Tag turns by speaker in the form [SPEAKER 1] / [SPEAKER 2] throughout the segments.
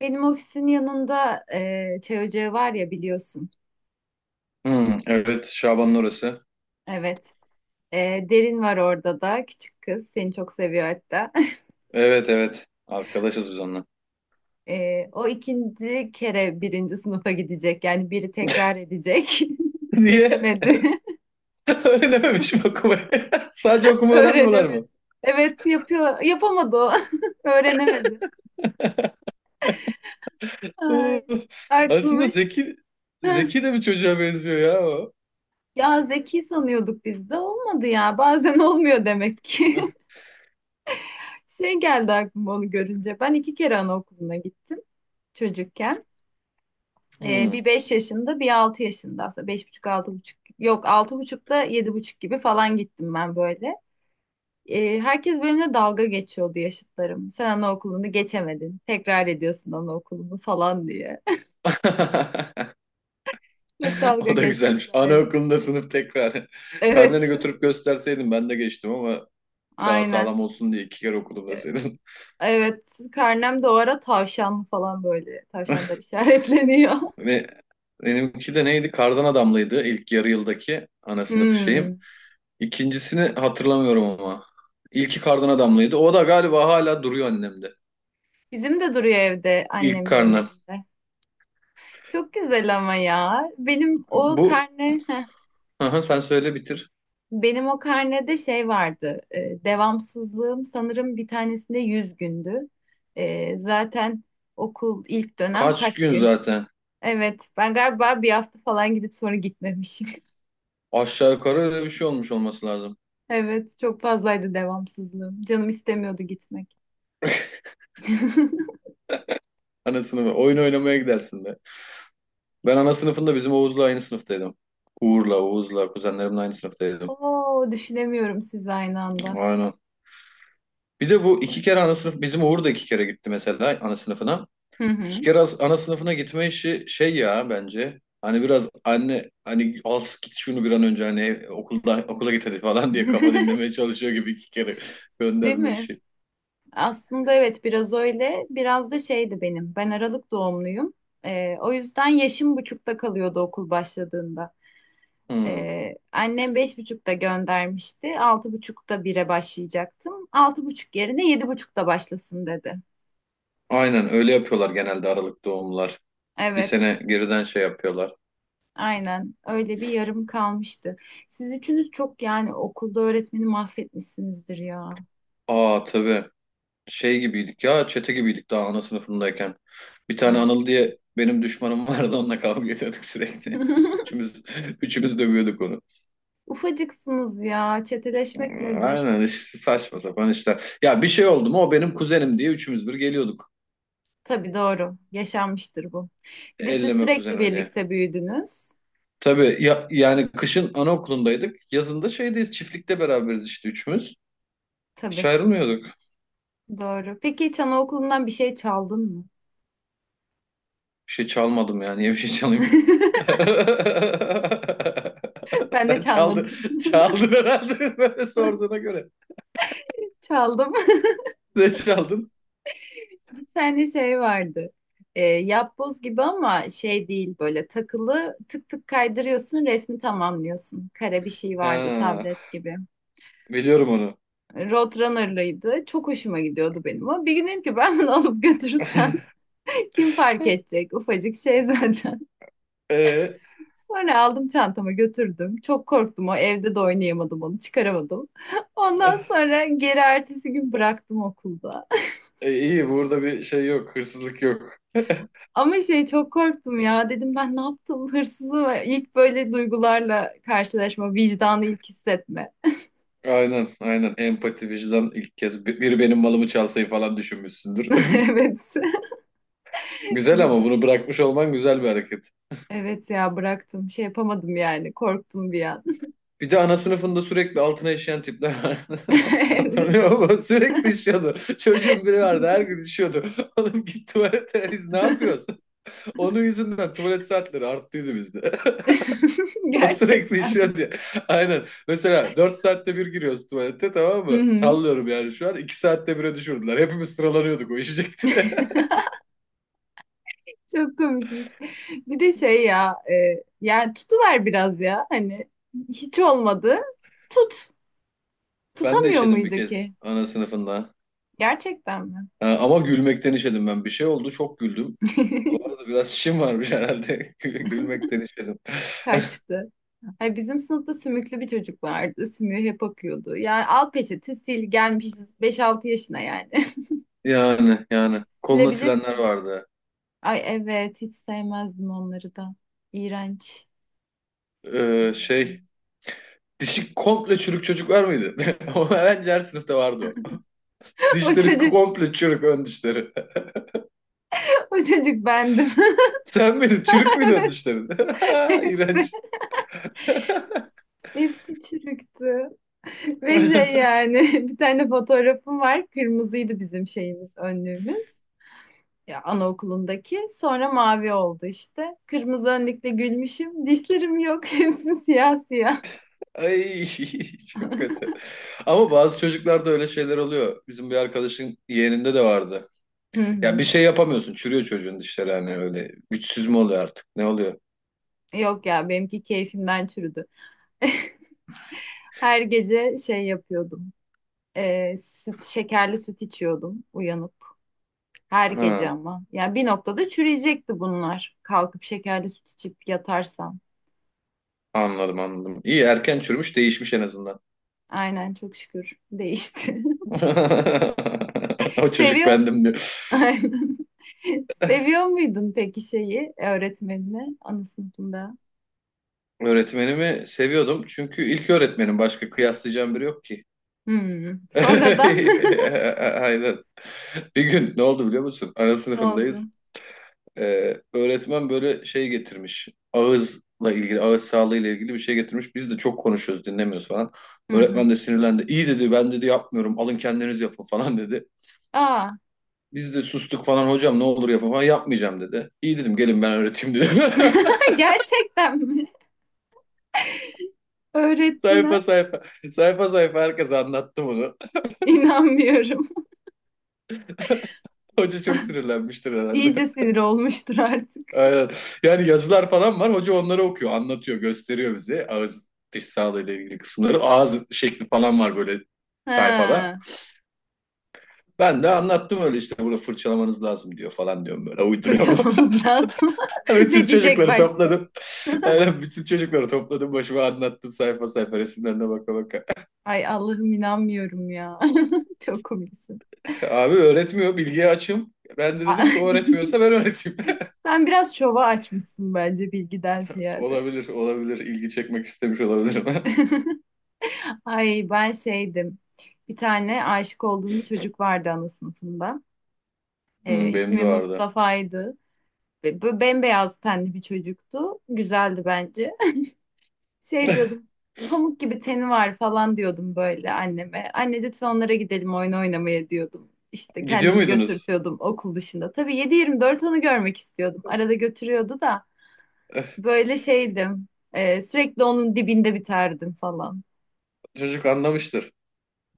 [SPEAKER 1] Benim ofisin yanında çay ocağı var ya biliyorsun.
[SPEAKER 2] Hmm, evet Şaban'ın orası.
[SPEAKER 1] Evet. Derin var orada da. Küçük kız. Seni çok seviyor hatta.
[SPEAKER 2] Evet evet. Arkadaşız biz onunla.
[SPEAKER 1] O ikinci kere birinci sınıfa gidecek. Yani biri tekrar edecek.
[SPEAKER 2] Niye?
[SPEAKER 1] Geçemedi.
[SPEAKER 2] Öğrenememiş mi okumayı? Sadece okuma öğrenmiyorlar
[SPEAKER 1] Öğrenemedi.
[SPEAKER 2] mı?
[SPEAKER 1] Evet yapıyor. Yapamadı o. Öğrenemedi. Ay,
[SPEAKER 2] Oo, aslında
[SPEAKER 1] aklımız.
[SPEAKER 2] zeki
[SPEAKER 1] Heh.
[SPEAKER 2] zeki de bir çocuğa benziyor ya o.
[SPEAKER 1] Ya zeki sanıyorduk biz de. Olmadı ya. Bazen olmuyor demek ki. Şey geldi aklıma onu görünce. Ben iki kere anaokuluna gittim çocukken.
[SPEAKER 2] Hmm.
[SPEAKER 1] Bir 5 yaşında bir 6 yaşında aslında beş buçuk altı buçuk yok altı buçukta yedi buçuk gibi falan gittim ben böyle. Herkes benimle dalga geçiyordu yaşıtlarım. Sen anaokulunu geçemedin. Tekrar ediyorsun anaokulunu falan diye. Çok dalga
[SPEAKER 2] O da güzelmiş.
[SPEAKER 1] geçmişler.
[SPEAKER 2] Anaokulunda sınıf tekrar. Karneni
[SPEAKER 1] Evet.
[SPEAKER 2] götürüp gösterseydim ben de geçtim ama daha sağlam
[SPEAKER 1] Aynen.
[SPEAKER 2] olsun diye iki kere okudum
[SPEAKER 1] Ee,
[SPEAKER 2] deseydim.
[SPEAKER 1] Evet. Karnem de o ara tavşan falan böyle. Tavşanlar işaretleniyor.
[SPEAKER 2] Ve benimki de neydi? Kardan adamlıydı ilk yarı yıldaki ana sınıfı şeyim.
[SPEAKER 1] Hmm.
[SPEAKER 2] İkincisini hatırlamıyorum ama. İlki kardan adamlıydı. O da galiba hala duruyor annemde.
[SPEAKER 1] Bizim de duruyor evde
[SPEAKER 2] İlk
[SPEAKER 1] annemlerin
[SPEAKER 2] karnı.
[SPEAKER 1] evinde. Çok güzel ama ya. Benim o
[SPEAKER 2] Bu
[SPEAKER 1] karne
[SPEAKER 2] Aha, sen söyle bitir.
[SPEAKER 1] benim o karnede şey vardı. Devamsızlığım sanırım bir tanesinde 100 gündü. Zaten okul ilk dönem
[SPEAKER 2] Kaç
[SPEAKER 1] kaç
[SPEAKER 2] gün
[SPEAKER 1] gün?
[SPEAKER 2] zaten.
[SPEAKER 1] Evet, ben galiba bir hafta falan gidip sonra gitmemişim.
[SPEAKER 2] Aşağı yukarı öyle bir şey olmuş olması lazım.
[SPEAKER 1] Evet, çok fazlaydı devamsızlığım. Canım istemiyordu gitmek.
[SPEAKER 2] Ana sınıfı. Oyun oynamaya gidersin de. Ben ana sınıfında bizim Oğuz'la aynı sınıftaydım. Uğur'la, Oğuz'la, kuzenlerimle aynı sınıftaydım.
[SPEAKER 1] Oo, düşünemiyorum siz aynı anda.
[SPEAKER 2] Aynen. Bir de bu iki kere ana sınıf, bizim Uğur da iki kere gitti mesela ana sınıfına.
[SPEAKER 1] Hı hı.
[SPEAKER 2] Ana sınıfına gitme işi şey ya bence. Hani biraz anne hani al git şunu bir an önce hani okulda okula git hadi falan diye kafa dinlemeye çalışıyor gibi iki kere
[SPEAKER 1] Değil
[SPEAKER 2] gönderme
[SPEAKER 1] mi?
[SPEAKER 2] işi.
[SPEAKER 1] Aslında evet biraz öyle. Biraz da şeydi benim. Ben Aralık doğumluyum. O yüzden yaşım buçukta kalıyordu okul başladığında.
[SPEAKER 2] Hmm.
[SPEAKER 1] Annem beş buçukta göndermişti. Altı buçukta bire başlayacaktım. Altı buçuk yerine yedi buçukta başlasın dedi.
[SPEAKER 2] Aynen öyle yapıyorlar genelde Aralık doğumlar. Bir
[SPEAKER 1] Evet,
[SPEAKER 2] sene geriden şey yapıyorlar.
[SPEAKER 1] aynen öyle bir yarım kalmıştı. Siz üçünüz çok yani okulda öğretmeni mahvetmişsinizdir ya,
[SPEAKER 2] Aa tabii şey gibiydik ya çete gibiydik daha ana sınıfındayken. Bir tane
[SPEAKER 1] bence
[SPEAKER 2] Anıl
[SPEAKER 1] de.
[SPEAKER 2] diye benim düşmanım vardı onunla kavga ediyorduk sürekli. Üçümüz, üçümüz dövüyorduk onu.
[SPEAKER 1] Ufacıksınız ya. Çeteleşmek nedir?
[SPEAKER 2] Aynen işte saçma sapan işler. Ya bir şey oldu mu o benim kuzenim diye üçümüz bir geliyorduk.
[SPEAKER 1] Tabii doğru. Yaşanmıştır bu. Bir de siz
[SPEAKER 2] Elleme
[SPEAKER 1] sürekli
[SPEAKER 2] kuzenimi diye.
[SPEAKER 1] birlikte büyüdünüz.
[SPEAKER 2] Tabii ya, yani kışın anaokulundaydık. Yazında şeydeyiz çiftlikte beraberiz işte üçümüz. Hiç
[SPEAKER 1] Tabii
[SPEAKER 2] ayrılmıyorduk.
[SPEAKER 1] doğru. Peki hiç anaokulundan bir şey çaldın mı?
[SPEAKER 2] Bir şey çalmadım yani. Niye bir şey çalayım?
[SPEAKER 1] Ben de
[SPEAKER 2] Sen çaldın.
[SPEAKER 1] çalmadım.
[SPEAKER 2] Çaldın herhalde böyle sorduğuna göre.
[SPEAKER 1] Çaldım.
[SPEAKER 2] Ne çaldın?
[SPEAKER 1] Bir tane şey vardı. Yapboz gibi ama şey değil, böyle takılı tık tık kaydırıyorsun, resmi tamamlıyorsun. Kare bir şey vardı,
[SPEAKER 2] Ha,
[SPEAKER 1] tablet gibi.
[SPEAKER 2] biliyorum onu.
[SPEAKER 1] Roadrunner'lıydı. Çok hoşuma gidiyordu benim o. Bir gün dedim ki ben bunu alıp götürürsem kim fark edecek? Ufacık şey zaten.
[SPEAKER 2] Ee,
[SPEAKER 1] Sonra aldım, çantama götürdüm. Çok korktum, o evde de oynayamadım, onu çıkaramadım. Ondan
[SPEAKER 2] ah,
[SPEAKER 1] sonra geri ertesi gün bıraktım okulda.
[SPEAKER 2] iyi burada bir şey yok. Hırsızlık yok.
[SPEAKER 1] Ama şey çok korktum ya. Dedim, ben ne yaptım, hırsızı mı? İlk böyle duygularla karşılaşma, vicdanı ilk hissetme.
[SPEAKER 2] Aynen, aynen. Empati, vicdan ilk kez. Biri benim malımı çalsayı falan düşünmüşsündür.
[SPEAKER 1] Evet.
[SPEAKER 2] Güzel ama
[SPEAKER 1] Güzel.
[SPEAKER 2] bunu bırakmış olman güzel bir hareket.
[SPEAKER 1] Evet ya, bıraktım. Şey yapamadım yani. Korktum bir an.
[SPEAKER 2] Bir de ana sınıfında sürekli altına işeyen tipler vardı.
[SPEAKER 1] Evet.
[SPEAKER 2] Hatırlıyor musun? Sürekli işiyordu. Çocuğun biri vardı her gün işiyordu. Oğlum git tuvalete biz ne yapıyorsun? Onun yüzünden tuvalet saatleri arttıydı bizde. O sürekli
[SPEAKER 1] Gerçekten.
[SPEAKER 2] işiyordu ya. Aynen. Mesela 4 saatte bir giriyoruz tuvalete tamam
[SPEAKER 1] Hı
[SPEAKER 2] mı?
[SPEAKER 1] hı.
[SPEAKER 2] Sallıyorum yani şu an. İki saatte bire düşürdüler. Hepimiz sıralanıyorduk o işecekti.
[SPEAKER 1] Çok komikmiş. Bir de şey ya, yani tutuver biraz ya. Hani hiç olmadı. Tut.
[SPEAKER 2] Ben de
[SPEAKER 1] Tutamıyor
[SPEAKER 2] işedim bir
[SPEAKER 1] muydu
[SPEAKER 2] kez
[SPEAKER 1] ki?
[SPEAKER 2] ana sınıfında.
[SPEAKER 1] Gerçekten mi?
[SPEAKER 2] Ha, ama gülmekten işedim ben. Bir şey oldu çok güldüm. Orada biraz işim varmış herhalde. Gülmekten işedim.
[SPEAKER 1] Kaçtı. Ay, bizim sınıfta sümüklü bir çocuk vardı. Sümüğü hep akıyordu. Yani al peçete sil, gelmişiz beş altı yaşına yani.
[SPEAKER 2] Yani yani. Koluna silenler
[SPEAKER 1] Silebilirsin.
[SPEAKER 2] vardı.
[SPEAKER 1] Ay evet, hiç sevmezdim onları da. İğrenç.
[SPEAKER 2] Ee, şey Dişi komple çürük çocuklar mıydı? Ama bence her sınıfta vardı o.
[SPEAKER 1] O
[SPEAKER 2] Dişleri
[SPEAKER 1] çocuk,
[SPEAKER 2] komple çürük ön dişleri.
[SPEAKER 1] O çocuk bendim.
[SPEAKER 2] Sen miydin? Çürük müydü ön
[SPEAKER 1] Evet,
[SPEAKER 2] dişlerin?
[SPEAKER 1] hepsi,
[SPEAKER 2] İğrenç.
[SPEAKER 1] hepsi çürüktü. Ve şey yani bir tane fotoğrafım var. Kırmızıydı bizim şeyimiz, önlüğümüz. Ya anaokulundaki. Sonra mavi oldu işte. Kırmızı önlükle gülmüşüm. Dişlerim yok. Hepsi siyah siyah.
[SPEAKER 2] Ay çok kötü. Ama bazı çocuklarda öyle şeyler oluyor. Bizim bir arkadaşın yeğeninde de vardı.
[SPEAKER 1] Hı
[SPEAKER 2] Ya bir
[SPEAKER 1] hı.
[SPEAKER 2] şey yapamıyorsun. Çürüyor çocuğun dişleri hani öyle. Güçsüz mü oluyor artık? Ne oluyor?
[SPEAKER 1] Yok ya, benimki keyfimden çürüdü. Her gece şey yapıyordum. Şekerli süt içiyordum uyanıp. Her gece
[SPEAKER 2] Ha,
[SPEAKER 1] ama. Ya bir noktada çürüyecekti bunlar. Kalkıp şekerli süt içip yatarsam.
[SPEAKER 2] anladım anladım. İyi erken çürümüş değişmiş en azından.
[SPEAKER 1] Aynen, çok şükür değişti.
[SPEAKER 2] O çocuk
[SPEAKER 1] Seviyor.
[SPEAKER 2] bendim diyor.
[SPEAKER 1] Aynen. Seviyor muydun peki şeyi, öğretmenini ana sınıfında?
[SPEAKER 2] Öğretmenimi seviyordum. Çünkü ilk öğretmenim. Başka kıyaslayacağım biri yok ki.
[SPEAKER 1] Hmm. Sonradan
[SPEAKER 2] Aynen. Bir gün ne oldu biliyor musun? Ana
[SPEAKER 1] ne oldu?
[SPEAKER 2] sınıfındayız. Öğretmen böyle şey getirmiş. Ağızla ilgili, ağız sağlığıyla ilgili bir şey getirmiş. Biz de çok konuşuyoruz, dinlemiyoruz falan.
[SPEAKER 1] Hı hı.
[SPEAKER 2] Öğretmen de sinirlendi. İyi dedi, ben dedi yapmıyorum. Alın kendiniz yapın falan dedi.
[SPEAKER 1] Aa.
[SPEAKER 2] Biz de sustuk falan hocam ne olur yapın falan yapmayacağım dedi. İyi dedim gelin ben öğreteyim dedim.
[SPEAKER 1] Gerçekten mi? Öğrettin
[SPEAKER 2] Sayfa
[SPEAKER 1] ha?
[SPEAKER 2] sayfa. Sayfa sayfa herkes anlattı bunu.
[SPEAKER 1] İnanmıyorum.
[SPEAKER 2] Hoca çok sinirlenmiştir
[SPEAKER 1] İyice
[SPEAKER 2] herhalde.
[SPEAKER 1] sinir olmuştur artık.
[SPEAKER 2] Aynen. Yani yazılar falan var. Hoca onları okuyor, anlatıyor, gösteriyor bize. Ağız, diş sağlığıyla ilgili kısımları. Ağız şekli falan var böyle sayfada.
[SPEAKER 1] Ha,
[SPEAKER 2] Ben de anlattım öyle işte bunu fırçalamanız lazım diyor falan diyorum böyle uyduruyorum.
[SPEAKER 1] fırçalamamız lazım.
[SPEAKER 2] Bütün
[SPEAKER 1] Ne diyecek
[SPEAKER 2] çocukları
[SPEAKER 1] başka?
[SPEAKER 2] topladım. Aynen bütün çocukları topladım başıma anlattım sayfa sayfa resimlerine baka baka.
[SPEAKER 1] Ay Allah'ım, inanmıyorum ya. Çok komiksin.
[SPEAKER 2] Abi öğretmiyor bilgiye açım. Ben de
[SPEAKER 1] A-
[SPEAKER 2] dedim ki o öğretmiyorsa ben öğreteyim.
[SPEAKER 1] Sen biraz şova açmışsın bence, bilgiden ziyade.
[SPEAKER 2] Olabilir ilgi çekmek istemiş olabilirim.
[SPEAKER 1] Ay ben şeydim. Bir tane aşık olduğum bir çocuk vardı ana sınıfında.
[SPEAKER 2] Hmm, benim
[SPEAKER 1] İsmi
[SPEAKER 2] de vardı.
[SPEAKER 1] Mustafa'ydı. Ve böyle bembeyaz tenli bir çocuktu. Güzeldi bence. Şey diyordum. Pamuk gibi teni var falan diyordum böyle anneme. Anne lütfen onlara gidelim oyun oynamaya diyordum. İşte
[SPEAKER 2] Gidiyor
[SPEAKER 1] kendimi
[SPEAKER 2] muydunuz?
[SPEAKER 1] götürtüyordum okul dışında. Tabii 7/24 onu görmek istiyordum. Arada götürüyordu da böyle şeydim. Sürekli onun dibinde biterdim falan.
[SPEAKER 2] Çocuk anlamıştır.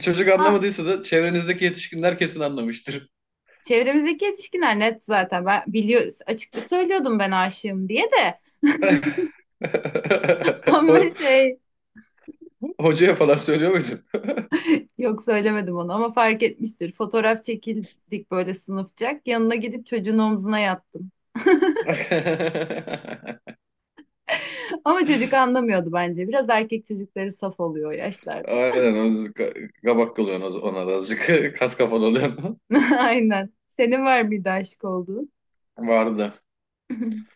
[SPEAKER 2] Çocuk
[SPEAKER 1] Ha,
[SPEAKER 2] anlamadıysa da çevrenizdeki yetişkinler kesin anlamıştır.
[SPEAKER 1] çevremizdeki yetişkinler net zaten. Ben biliyor, açıkça söylüyordum ben aşığım diye de. Ama
[SPEAKER 2] Ho-
[SPEAKER 1] şey,
[SPEAKER 2] Hocaya falan söylüyor muydunuz?
[SPEAKER 1] yok söylemedim onu, ama fark etmiştir. Fotoğraf çekildik böyle sınıfçak. Yanına gidip çocuğun omzuna yattım. Ama çocuk anlamıyordu bence. Biraz erkek çocukları saf oluyor o yaşlarda.
[SPEAKER 2] Aynen o kabak kalıyorsun ona da azıcık. Kas kafalı oluyorsun.
[SPEAKER 1] Aynen. Senin var mıydı aşık olduğun?
[SPEAKER 2] Vardı.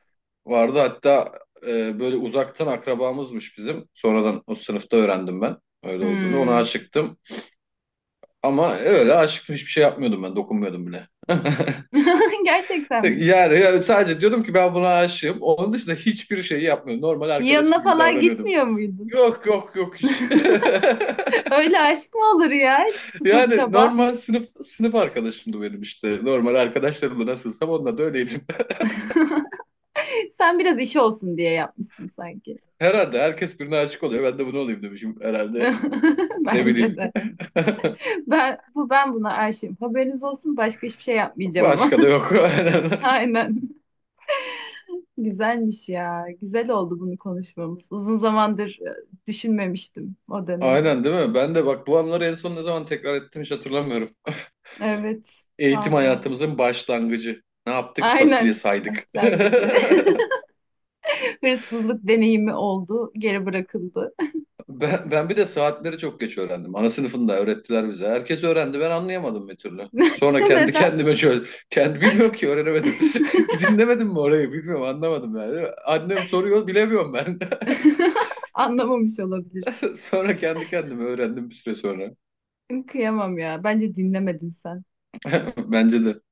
[SPEAKER 2] Vardı hatta böyle uzaktan akrabamızmış bizim. Sonradan o sınıfta öğrendim ben öyle olduğunu. Ona
[SPEAKER 1] Hmm.
[SPEAKER 2] aşıktım. Ama öyle aşıktım hiçbir şey yapmıyordum ben. Dokunmuyordum bile.
[SPEAKER 1] Gerçekten mi?
[SPEAKER 2] Yani, yani sadece diyordum ki ben buna aşığım. Onun dışında hiçbir şey yapmıyordum. Normal
[SPEAKER 1] Yanına
[SPEAKER 2] arkadaşım gibi
[SPEAKER 1] falan
[SPEAKER 2] davranıyordum.
[SPEAKER 1] gitmiyor muydun?
[SPEAKER 2] Yok yok yok hiç.
[SPEAKER 1] Öyle aşk mı olur ya? Hiç. Sıfır
[SPEAKER 2] Yani
[SPEAKER 1] çaba.
[SPEAKER 2] normal sınıf arkadaşımdı benim işte. Normal arkadaşlarımla nasılsam onunla da öyleydim.
[SPEAKER 1] Sen biraz iş olsun diye yapmışsın sanki.
[SPEAKER 2] Herhalde herkes birine aşık oluyor. Ben de bunu olayım demişim herhalde. Ne
[SPEAKER 1] Bence
[SPEAKER 2] bileyim.
[SPEAKER 1] de. Ben buna aşığım. Haberiniz olsun, başka hiçbir şey yapmayacağım ama.
[SPEAKER 2] Başka da yok. Aynen.
[SPEAKER 1] Aynen. Güzelmiş ya. Güzel oldu bunu konuşmamız. Uzun zamandır düşünmemiştim o dönemi.
[SPEAKER 2] Aynen değil mi? Ben de bak bu anları en son ne zaman tekrar ettim hiç hatırlamıyorum.
[SPEAKER 1] Evet,
[SPEAKER 2] Eğitim
[SPEAKER 1] valla.
[SPEAKER 2] hayatımızın başlangıcı. Ne yaptık? Fasulye
[SPEAKER 1] Aynen
[SPEAKER 2] saydık.
[SPEAKER 1] başlangıcı. Hırsızlık deneyimi oldu, geri bırakıldı.
[SPEAKER 2] Ben bir de saatleri çok geç öğrendim. Ana sınıfında öğrettiler bize. Herkes öğrendi. Ben anlayamadım bir türlü. Sonra kendi
[SPEAKER 1] Neden?
[SPEAKER 2] kendime şöyle... Kendi bilmiyorum ki öğrenemedim. Dinlemedim mi orayı? Bilmiyorum anlamadım yani. Annem soruyor bilemiyorum ben.
[SPEAKER 1] Anlamamış olabilirsin.
[SPEAKER 2] Sonra kendi kendime öğrendim bir süre sonra.
[SPEAKER 1] Kıyamam ya. Bence dinlemedin sen.
[SPEAKER 2] Bence de.